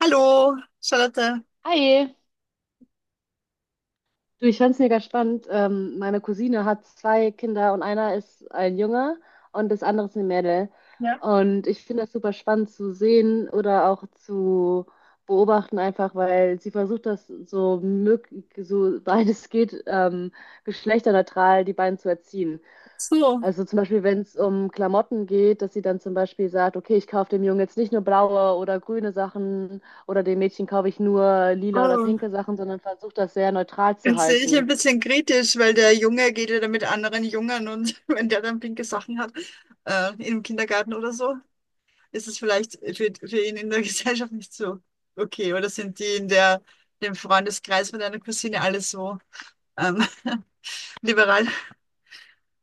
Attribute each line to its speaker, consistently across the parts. Speaker 1: Hallo, Charlotte.
Speaker 2: Hi, du, ich fand's mega spannend. Meine Cousine hat zwei Kinder und einer ist ein Junge und das andere ist eine Mädel.
Speaker 1: Ja.
Speaker 2: Und ich finde das super spannend zu sehen oder auch zu beobachten, einfach weil sie versucht, das so möglich, so weit es geht, geschlechterneutral die beiden zu erziehen.
Speaker 1: So,
Speaker 2: Also zum Beispiel, wenn es um Klamotten geht, dass sie dann zum Beispiel sagt, okay, ich kaufe dem Jungen jetzt nicht nur blaue oder grüne Sachen oder dem Mädchen kaufe ich nur lila oder
Speaker 1: oh,
Speaker 2: pinke Sachen, sondern versucht das sehr neutral zu
Speaker 1: jetzt sehe ich ein
Speaker 2: halten.
Speaker 1: bisschen kritisch, weil der Junge geht ja da mit anderen Jungen und wenn der dann pinke Sachen hat, im Kindergarten oder so, ist es vielleicht für ihn in der Gesellschaft nicht so okay. Oder sind die in der, dem Freundeskreis von deiner Cousine alle so ähm, liberal?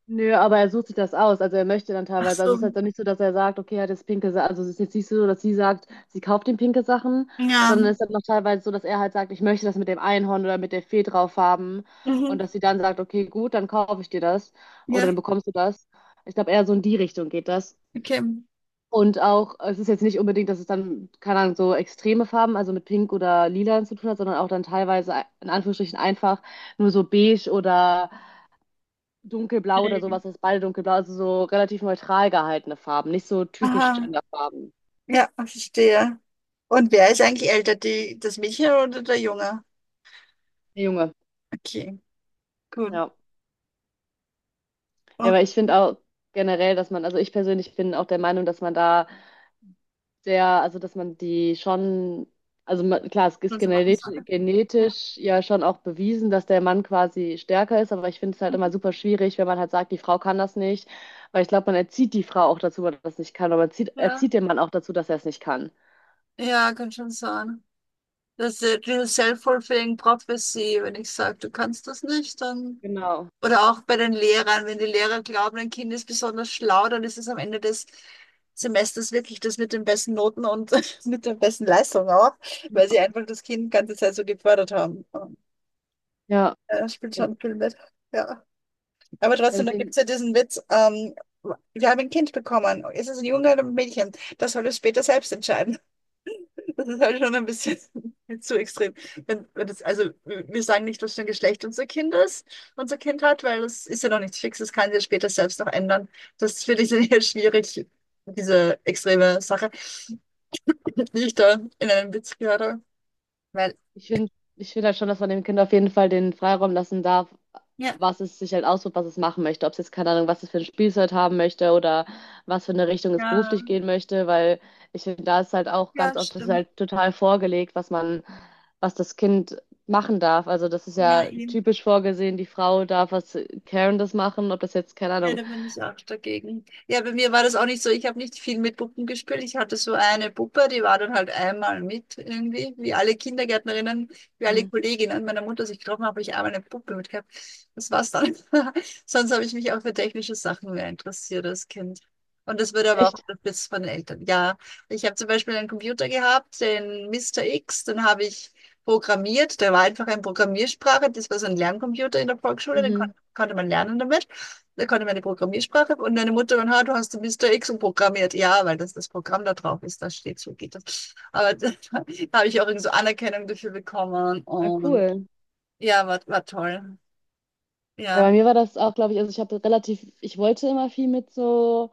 Speaker 2: Nö, aber er sucht sich das aus, also er möchte dann
Speaker 1: Ach
Speaker 2: teilweise, also
Speaker 1: so,
Speaker 2: es ist halt auch nicht so, dass er sagt, okay, er hat jetzt pinke Sachen, also es ist jetzt nicht so, dass sie sagt, sie kauft ihm pinke Sachen,
Speaker 1: ja.
Speaker 2: sondern es ist dann noch teilweise so, dass er halt sagt, ich möchte das mit dem Einhorn oder mit der Fee drauf haben und
Speaker 1: Mhm.
Speaker 2: dass sie dann sagt, okay, gut, dann kaufe ich dir das oder dann
Speaker 1: Ja,
Speaker 2: bekommst du das. Ich glaube, eher so in die Richtung geht das.
Speaker 1: okay.
Speaker 2: Und auch, es ist jetzt nicht unbedingt, dass es dann, keine Ahnung, so extreme Farben, also mit Pink oder Lila zu tun hat, sondern auch dann teilweise in Anführungsstrichen einfach nur so beige oder dunkelblau oder
Speaker 1: Okay.
Speaker 2: sowas, das ist beide dunkelblau, also so relativ neutral gehaltene Farben, nicht so typisch
Speaker 1: Aha,
Speaker 2: Genderfarben.
Speaker 1: ja, verstehe. Und wer ist eigentlich älter, die, das Mädchen oder der Junge?
Speaker 2: Der Junge,
Speaker 1: Okay, gut.
Speaker 2: ja. Ja,
Speaker 1: Okay,
Speaker 2: aber ich finde auch generell, dass man, also ich persönlich bin auch der Meinung, dass man da der also dass man die schon, also man, klar, es ist
Speaker 1: das war es,
Speaker 2: genetisch,
Speaker 1: oder? Ja.
Speaker 2: ja schon auch bewiesen, dass der Mann quasi stärker ist, aber ich finde es halt immer
Speaker 1: Mhm.
Speaker 2: super schwierig, wenn man halt sagt, die Frau kann das nicht, weil ich glaube, man erzieht die Frau auch dazu, dass das nicht kann, aber man erzieht,
Speaker 1: Ja,
Speaker 2: den Mann auch dazu, dass er es nicht kann.
Speaker 1: ja, kann schon sein. Das ist diese Self-Fulfilling Prophecy, wenn ich sage, du kannst das nicht, dann.
Speaker 2: Genau.
Speaker 1: Oder auch bei den Lehrern, wenn die Lehrer glauben, ein Kind ist besonders schlau, dann ist es am Ende des Semesters wirklich das mit den besten Noten und mit der besten Leistung auch, weil sie einfach das Kind die ganze Zeit so gefördert haben. Ja,
Speaker 2: Ja,
Speaker 1: das spielt
Speaker 2: ich,
Speaker 1: schon viel mit. Ja. Aber
Speaker 2: ja,
Speaker 1: trotzdem, da gibt
Speaker 2: deswegen.
Speaker 1: es ja diesen Witz, wir haben ein Kind bekommen. Ist es ein Junge oder ein Mädchen? Das soll es später selbst entscheiden. Das ist halt schon ein bisschen zu extrem. Wenn das, also wir sagen nicht, was für ein Geschlecht unser Kind ist, unser Kind hat, weil das ist ja noch nichts Fixes, das kann sich ja später selbst noch ändern. Das finde ich dann eher schwierig, diese extreme Sache, die ich da in einem Witz gehört habe. Weil,
Speaker 2: Ich finde, halt schon, dass man dem Kind auf jeden Fall den Freiraum lassen darf,
Speaker 1: ja,
Speaker 2: was es sich halt aussucht, was es machen möchte. Ob es jetzt, keine Ahnung, was es für ein Spielzeug haben möchte oder was für eine Richtung es beruflich
Speaker 1: ja,
Speaker 2: gehen möchte, weil ich finde, da ist halt auch
Speaker 1: ja,
Speaker 2: ganz oft, das ist
Speaker 1: stimmt.
Speaker 2: halt total vorgelegt, was man, was das Kind machen darf. Also das ist
Speaker 1: Ja,
Speaker 2: ja
Speaker 1: eben.
Speaker 2: typisch vorgesehen, die Frau darf was Carendes machen, ob das jetzt, keine
Speaker 1: Ja,
Speaker 2: Ahnung.
Speaker 1: da bin ich auch dagegen. Ja, bei mir war das auch nicht so. Ich habe nicht viel mit Puppen gespielt. Ich hatte so eine Puppe, die war dann halt einmal mit irgendwie, wie alle Kindergärtnerinnen, wie alle
Speaker 2: Mhm.
Speaker 1: Kolleginnen meiner Mutter sich getroffen haben, habe ich einmal eine Puppe mit gehabt. Das war's dann. Sonst habe ich mich auch für technische Sachen mehr interessiert als Kind. Und das wurde aber auch
Speaker 2: Echt?
Speaker 1: unterstützt von den Eltern. Ja, ich habe zum Beispiel einen Computer gehabt, den Mister X, den habe ich programmiert. Der war einfach eine Programmiersprache. Das war so ein Lerncomputer in der Volksschule, den kon
Speaker 2: Mhm.
Speaker 1: konnte man lernen damit, da konnte meine Programmiersprache und deine Mutter und ha, du hast Mr. X programmiert. Ja, weil das das Programm da drauf ist, da steht so geht das. Aber da, habe ich auch irgendwie so Anerkennung dafür bekommen
Speaker 2: Na
Speaker 1: und
Speaker 2: cool.
Speaker 1: ja, war toll.
Speaker 2: Ja,
Speaker 1: Ja.
Speaker 2: bei mir war das auch, glaube ich, also ich habe relativ, ich wollte immer viel mit so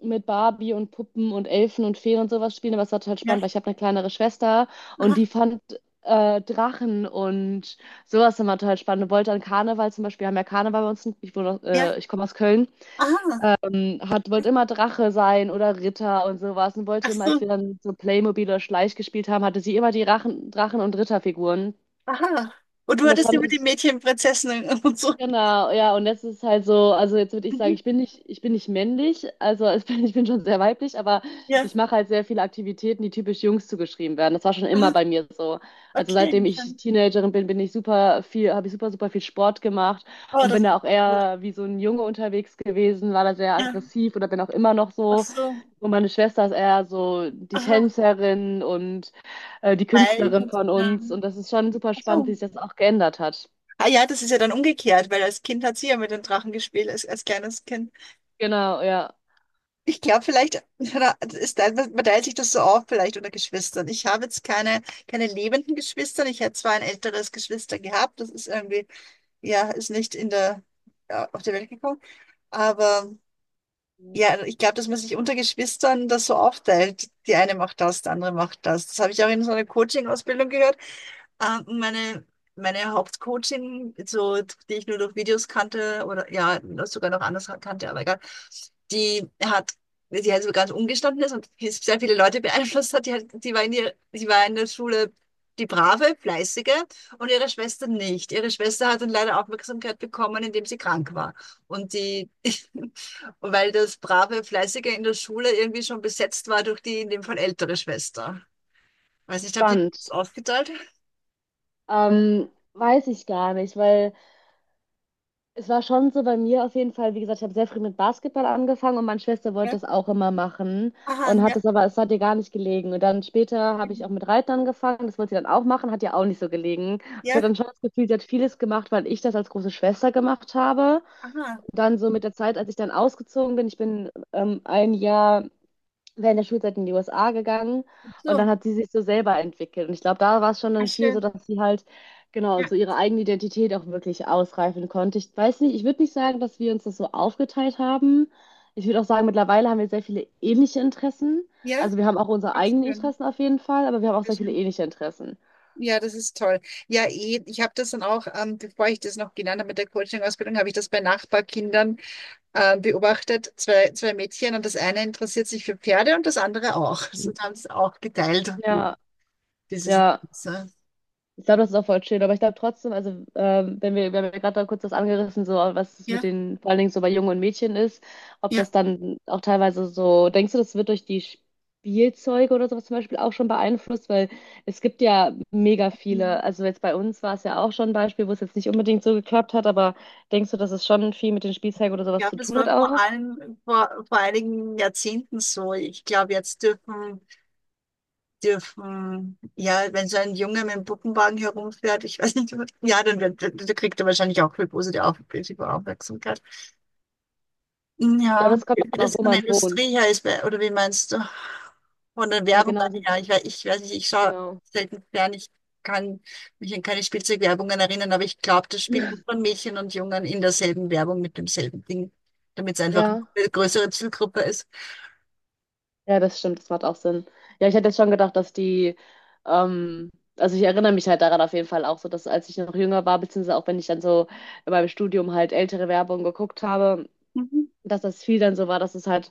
Speaker 2: mit Barbie und Puppen und Elfen und Feen und sowas spielen, aber es war total
Speaker 1: Ja,
Speaker 2: spannend, weil ich habe eine kleinere Schwester und
Speaker 1: aha,
Speaker 2: die fand Drachen und sowas immer total spannend. Und wollte an Karneval zum Beispiel, wir haben ja Karneval bei uns, ich, wohne,
Speaker 1: ja,
Speaker 2: ich komme aus Köln,
Speaker 1: aha.
Speaker 2: hat, wollte immer Drache sein oder Ritter und sowas und wollte
Speaker 1: Ach
Speaker 2: immer, als
Speaker 1: so,
Speaker 2: wir dann so Playmobil oder Schleich gespielt haben, hatte sie immer die Rachen, Drachen- und Ritterfiguren.
Speaker 1: aha. Und du
Speaker 2: Und das
Speaker 1: hattest
Speaker 2: fand
Speaker 1: über die
Speaker 2: ich
Speaker 1: Mädchen, Prinzessinnen und so.
Speaker 2: Genau, ja, und das ist halt so, also jetzt würde ich sagen,
Speaker 1: Mhm,
Speaker 2: ich bin nicht männlich, also ich bin, ich bin schon sehr weiblich, aber
Speaker 1: ja,
Speaker 2: ich mache halt sehr viele Aktivitäten, die typisch Jungs zugeschrieben werden. Das war schon immer
Speaker 1: aha,
Speaker 2: bei mir so. Also
Speaker 1: okay.
Speaker 2: seitdem ich
Speaker 1: Schön.
Speaker 2: Teenagerin bin, bin ich super viel, habe ich super, viel Sport gemacht
Speaker 1: Oh,
Speaker 2: und bin
Speaker 1: das ist
Speaker 2: da auch
Speaker 1: gut.
Speaker 2: eher wie so ein Junge unterwegs gewesen, war da sehr
Speaker 1: Ja,
Speaker 2: aggressiv oder bin auch immer noch
Speaker 1: ach
Speaker 2: so.
Speaker 1: so,
Speaker 2: Und meine Schwester ist eher so die
Speaker 1: aha.
Speaker 2: Tänzerin und die
Speaker 1: Hi, ich
Speaker 2: Künstlerin
Speaker 1: hab's,
Speaker 2: von
Speaker 1: ja.
Speaker 2: uns. Und das ist schon super
Speaker 1: Ach
Speaker 2: spannend,
Speaker 1: so.
Speaker 2: wie sich das auch geändert hat.
Speaker 1: Ah ja, das ist ja dann umgekehrt, weil als Kind hat sie ja mit den Drachen gespielt, als, als kleines Kind.
Speaker 2: Genau, ja.
Speaker 1: Ich glaube, vielleicht ist da, man teilt sich das so auf, vielleicht unter Geschwistern. Ich habe jetzt keine, keine lebenden Geschwister. Ich hätte zwar ein älteres Geschwister gehabt, das ist irgendwie, ja, ist nicht in der, ja, auf die Welt gekommen. Aber ja, ich glaube, dass man sich unter Geschwistern das so aufteilt. Die eine macht das, die andere macht das. Das habe ich auch in so einer Coaching-Ausbildung gehört. Äh, meine, meine Hauptcoachin, so, die ich nur durch Videos kannte, oder ja, sogar noch anders kannte, aber egal, die hat, die halt so ganz umgestanden ist und sehr viele Leute beeinflusst hat, die, hat, die war in der Schule die brave, fleißige und ihre Schwester nicht. Ihre Schwester hat dann leider Aufmerksamkeit bekommen, indem sie krank war. Und die, und weil das brave, fleißige in der Schule irgendwie schon besetzt war durch die in dem Fall ältere Schwester. Weiß nicht, habt ihr das
Speaker 2: Spannend.
Speaker 1: aufgeteilt?
Speaker 2: Weiß ich gar nicht, weil es war schon so bei mir auf jeden Fall, wie gesagt, ich habe sehr früh mit Basketball angefangen und meine Schwester wollte das auch immer machen
Speaker 1: Aha,
Speaker 2: und hat
Speaker 1: ja,
Speaker 2: das aber, es hat ihr gar nicht gelegen. Und dann später habe ich auch
Speaker 1: schön.
Speaker 2: mit Reiten angefangen, das wollte sie dann auch machen, hat ihr auch nicht so gelegen. Ich hatte
Speaker 1: Ja,
Speaker 2: dann schon das Gefühl, sie hat vieles gemacht, weil ich das als große Schwester gemacht habe.
Speaker 1: aha,
Speaker 2: Und dann so mit der Zeit, als ich dann ausgezogen bin, ich bin ein Jahr während der Schulzeit in die USA gegangen
Speaker 1: gut
Speaker 2: und dann
Speaker 1: so.
Speaker 2: hat sie sich so selber entwickelt. Und ich glaube, da war es schon
Speaker 1: Ah,
Speaker 2: dann viel so,
Speaker 1: schön.
Speaker 2: dass sie halt genau
Speaker 1: Ja,
Speaker 2: so ihre eigene Identität auch wirklich ausreifen konnte. Ich weiß nicht, ich würde nicht sagen, dass wir uns das so aufgeteilt haben. Ich würde auch sagen, mittlerweile haben wir sehr viele ähnliche Interessen.
Speaker 1: ja,
Speaker 2: Also wir haben auch unsere
Speaker 1: auch
Speaker 2: eigenen
Speaker 1: schön.
Speaker 2: Interessen auf jeden Fall, aber wir haben auch
Speaker 1: Sehr
Speaker 2: sehr viele
Speaker 1: schön.
Speaker 2: ähnliche Interessen.
Speaker 1: Ja, das ist toll. Ja, eh, ich habe das dann auch, bevor ich das noch gelernt habe mit der Coaching-Ausbildung, habe ich das bei Nachbarkindern beobachtet, zwei Mädchen, und das eine interessiert sich für Pferde und das andere auch. Also da haben sie auch geteilt,
Speaker 2: Ja,
Speaker 1: dieses.
Speaker 2: ja.
Speaker 1: So.
Speaker 2: Ich glaube, das ist auch voll schön, aber ich glaube trotzdem, also wenn wir, wir haben ja gerade da kurz das angerissen, so was es mit
Speaker 1: Ja,
Speaker 2: den, vor allen Dingen so bei Jungen und Mädchen ist, ob
Speaker 1: ja.
Speaker 2: das dann auch teilweise so, denkst du, das wird durch die Spielzeuge oder sowas zum Beispiel auch schon beeinflusst? Weil es gibt ja mega viele,
Speaker 1: Ich
Speaker 2: also jetzt bei uns war es ja auch schon ein Beispiel, wo es jetzt nicht unbedingt so geklappt hat, aber denkst du, dass es schon viel mit den Spielzeugen oder sowas zu
Speaker 1: glaube, das
Speaker 2: tun hat
Speaker 1: war vor
Speaker 2: auch?
Speaker 1: allem vor einigen Jahrzehnten so. Ich glaube, jetzt ja, wenn so ein Junge mit dem Puppenwagen herumfährt, ich weiß nicht, ja, dann wird, dann kriegt er wahrscheinlich auch viel positive Aufmerksamkeit.
Speaker 2: Ich glaube,
Speaker 1: Ja,
Speaker 2: das kommt
Speaker 1: wie
Speaker 2: auch an,
Speaker 1: das
Speaker 2: wo
Speaker 1: von
Speaker 2: man
Speaker 1: der Industrie
Speaker 2: wohnt.
Speaker 1: her ist, oder wie meinst du? Von der
Speaker 2: Ja,
Speaker 1: Werbung
Speaker 2: genau, also
Speaker 1: her, ich weiß nicht, ich schaue
Speaker 2: genau.
Speaker 1: selten fern, ich kann mich an keine Spielzeugwerbungen erinnern, aber ich glaube, das spielt von Mädchen und Jungen in derselben Werbung mit demselben Ding, damit es einfach
Speaker 2: Ja.
Speaker 1: eine größere Zielgruppe ist.
Speaker 2: Ja, das stimmt, das macht auch Sinn. Ja, ich hätte jetzt schon gedacht, dass die, ähm, also ich erinnere mich halt daran auf jeden Fall auch so, dass als ich noch jünger war, beziehungsweise auch wenn ich dann so in meinem Studium halt ältere Werbung geguckt habe,
Speaker 1: Mhm.
Speaker 2: dass das viel dann so war, dass es halt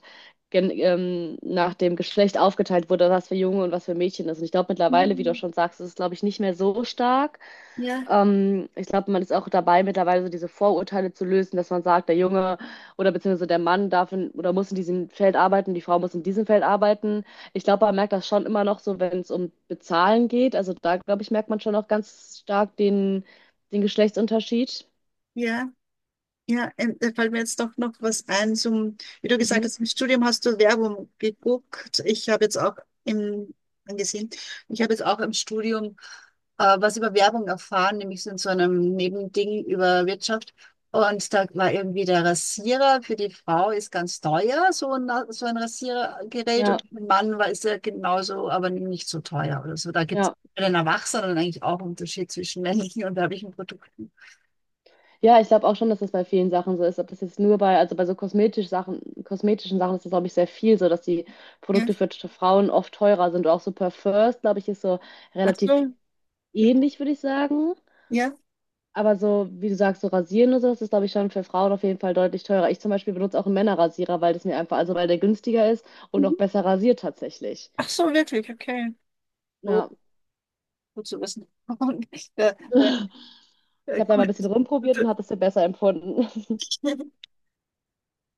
Speaker 2: gen nach dem Geschlecht aufgeteilt wurde, was für Junge und was für Mädchen ist. Und ich glaube mittlerweile, wie du
Speaker 1: Mhm.
Speaker 2: schon sagst, ist es, glaube ich, nicht mehr so stark.
Speaker 1: Ja,
Speaker 2: Ich glaube, man ist auch dabei, mittlerweile so diese Vorurteile zu lösen, dass man sagt, der Junge oder beziehungsweise der Mann darf in, oder muss in diesem Feld arbeiten, die Frau muss in diesem Feld arbeiten. Ich glaube, man merkt das schon immer noch so, wenn es um Bezahlen geht. Also da, glaube ich, merkt man schon auch ganz stark den, Geschlechtsunterschied.
Speaker 1: ja. Ja, da fällt mir jetzt doch noch was ein zum, wie du gesagt
Speaker 2: Mhm.
Speaker 1: hast, im Studium hast du Werbung geguckt. Im, angesehen, ich habe jetzt auch im Studium was über Werbung erfahren, nämlich so in so einem Nebending über Wirtschaft. Und da war irgendwie der Rasierer für die Frau ist ganz teuer, so ein Rasiergerät.
Speaker 2: Ja,
Speaker 1: Und für den Mann war, ist er genauso, aber nicht so teuer oder so. Da gibt es
Speaker 2: ja.
Speaker 1: bei den Erwachsenen eigentlich auch einen Unterschied zwischen männlichen und weiblichen Produkten.
Speaker 2: Ja, ich glaube auch schon, dass das bei vielen Sachen so ist. Ob das jetzt nur bei, also bei so kosmetisch Sachen, kosmetischen Sachen ist das, glaube ich, sehr viel so, dass die
Speaker 1: Ja,
Speaker 2: Produkte für Frauen oft teurer sind. Auch so Parfums, glaube ich, ist so
Speaker 1: ach
Speaker 2: relativ
Speaker 1: so.
Speaker 2: ähnlich, würde ich sagen.
Speaker 1: Ja.
Speaker 2: Aber so, wie du sagst, so rasieren und so, das ist, glaube ich, schon für Frauen auf jeden Fall deutlich teurer. Ich zum Beispiel benutze auch einen Männerrasierer, weil das mir einfach, also weil der günstiger ist und auch
Speaker 1: Mhm.
Speaker 2: besser rasiert tatsächlich.
Speaker 1: Ach so, wirklich, okay. So,
Speaker 2: Ja.
Speaker 1: gut zu wissen. Und, äh, äh,
Speaker 2: Ich habe da mal ein
Speaker 1: gut.
Speaker 2: bisschen rumprobiert
Speaker 1: Gut.
Speaker 2: und habe das für besser empfunden.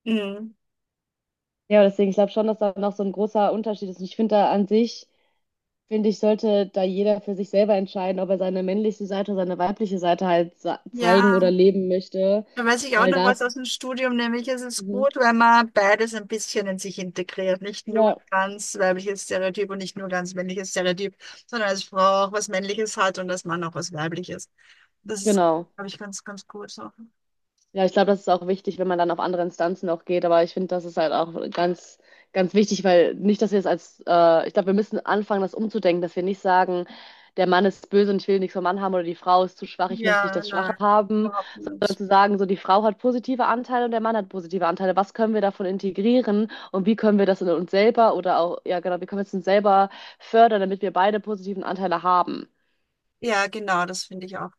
Speaker 1: Mhm.
Speaker 2: Ja, deswegen, ich glaube schon, dass da noch so ein großer Unterschied ist. Und ich finde da an sich, finde ich, sollte da jeder für sich selber entscheiden, ob er seine männliche Seite oder seine weibliche Seite halt sa- zeigen
Speaker 1: Ja,
Speaker 2: oder leben möchte.
Speaker 1: da weiß ich auch
Speaker 2: Weil
Speaker 1: noch
Speaker 2: das,
Speaker 1: was aus dem Studium, nämlich es ist
Speaker 2: mhm.
Speaker 1: gut, wenn man beides ein bisschen in sich integriert. Nicht nur
Speaker 2: Ja,
Speaker 1: ganz weibliches Stereotyp und nicht nur ganz männliches Stereotyp, sondern als Frau auch was Männliches hat und als Mann auch was Weibliches. Das ist,
Speaker 2: genau.
Speaker 1: glaube ich, ganz, ganz gut so.
Speaker 2: Ja, ich glaube, das ist auch wichtig, wenn man dann auf andere Instanzen auch geht. Aber ich finde, das ist halt auch ganz, wichtig, weil nicht, dass wir es als, ich glaube, wir müssen anfangen, das umzudenken, dass wir nicht sagen, der Mann ist böse und ich will nichts vom Mann haben oder die Frau ist zu schwach, ich möchte nicht
Speaker 1: Ja,
Speaker 2: das Schwache
Speaker 1: nein,
Speaker 2: haben,
Speaker 1: überhaupt
Speaker 2: sondern
Speaker 1: nicht.
Speaker 2: zu sagen, so die Frau hat positive Anteile und der Mann hat positive Anteile. Was können wir davon integrieren und wie können wir das in uns selber oder auch, ja genau, wie können wir es uns selber fördern, damit wir beide positiven Anteile haben?
Speaker 1: Ja, genau, das finde ich auch.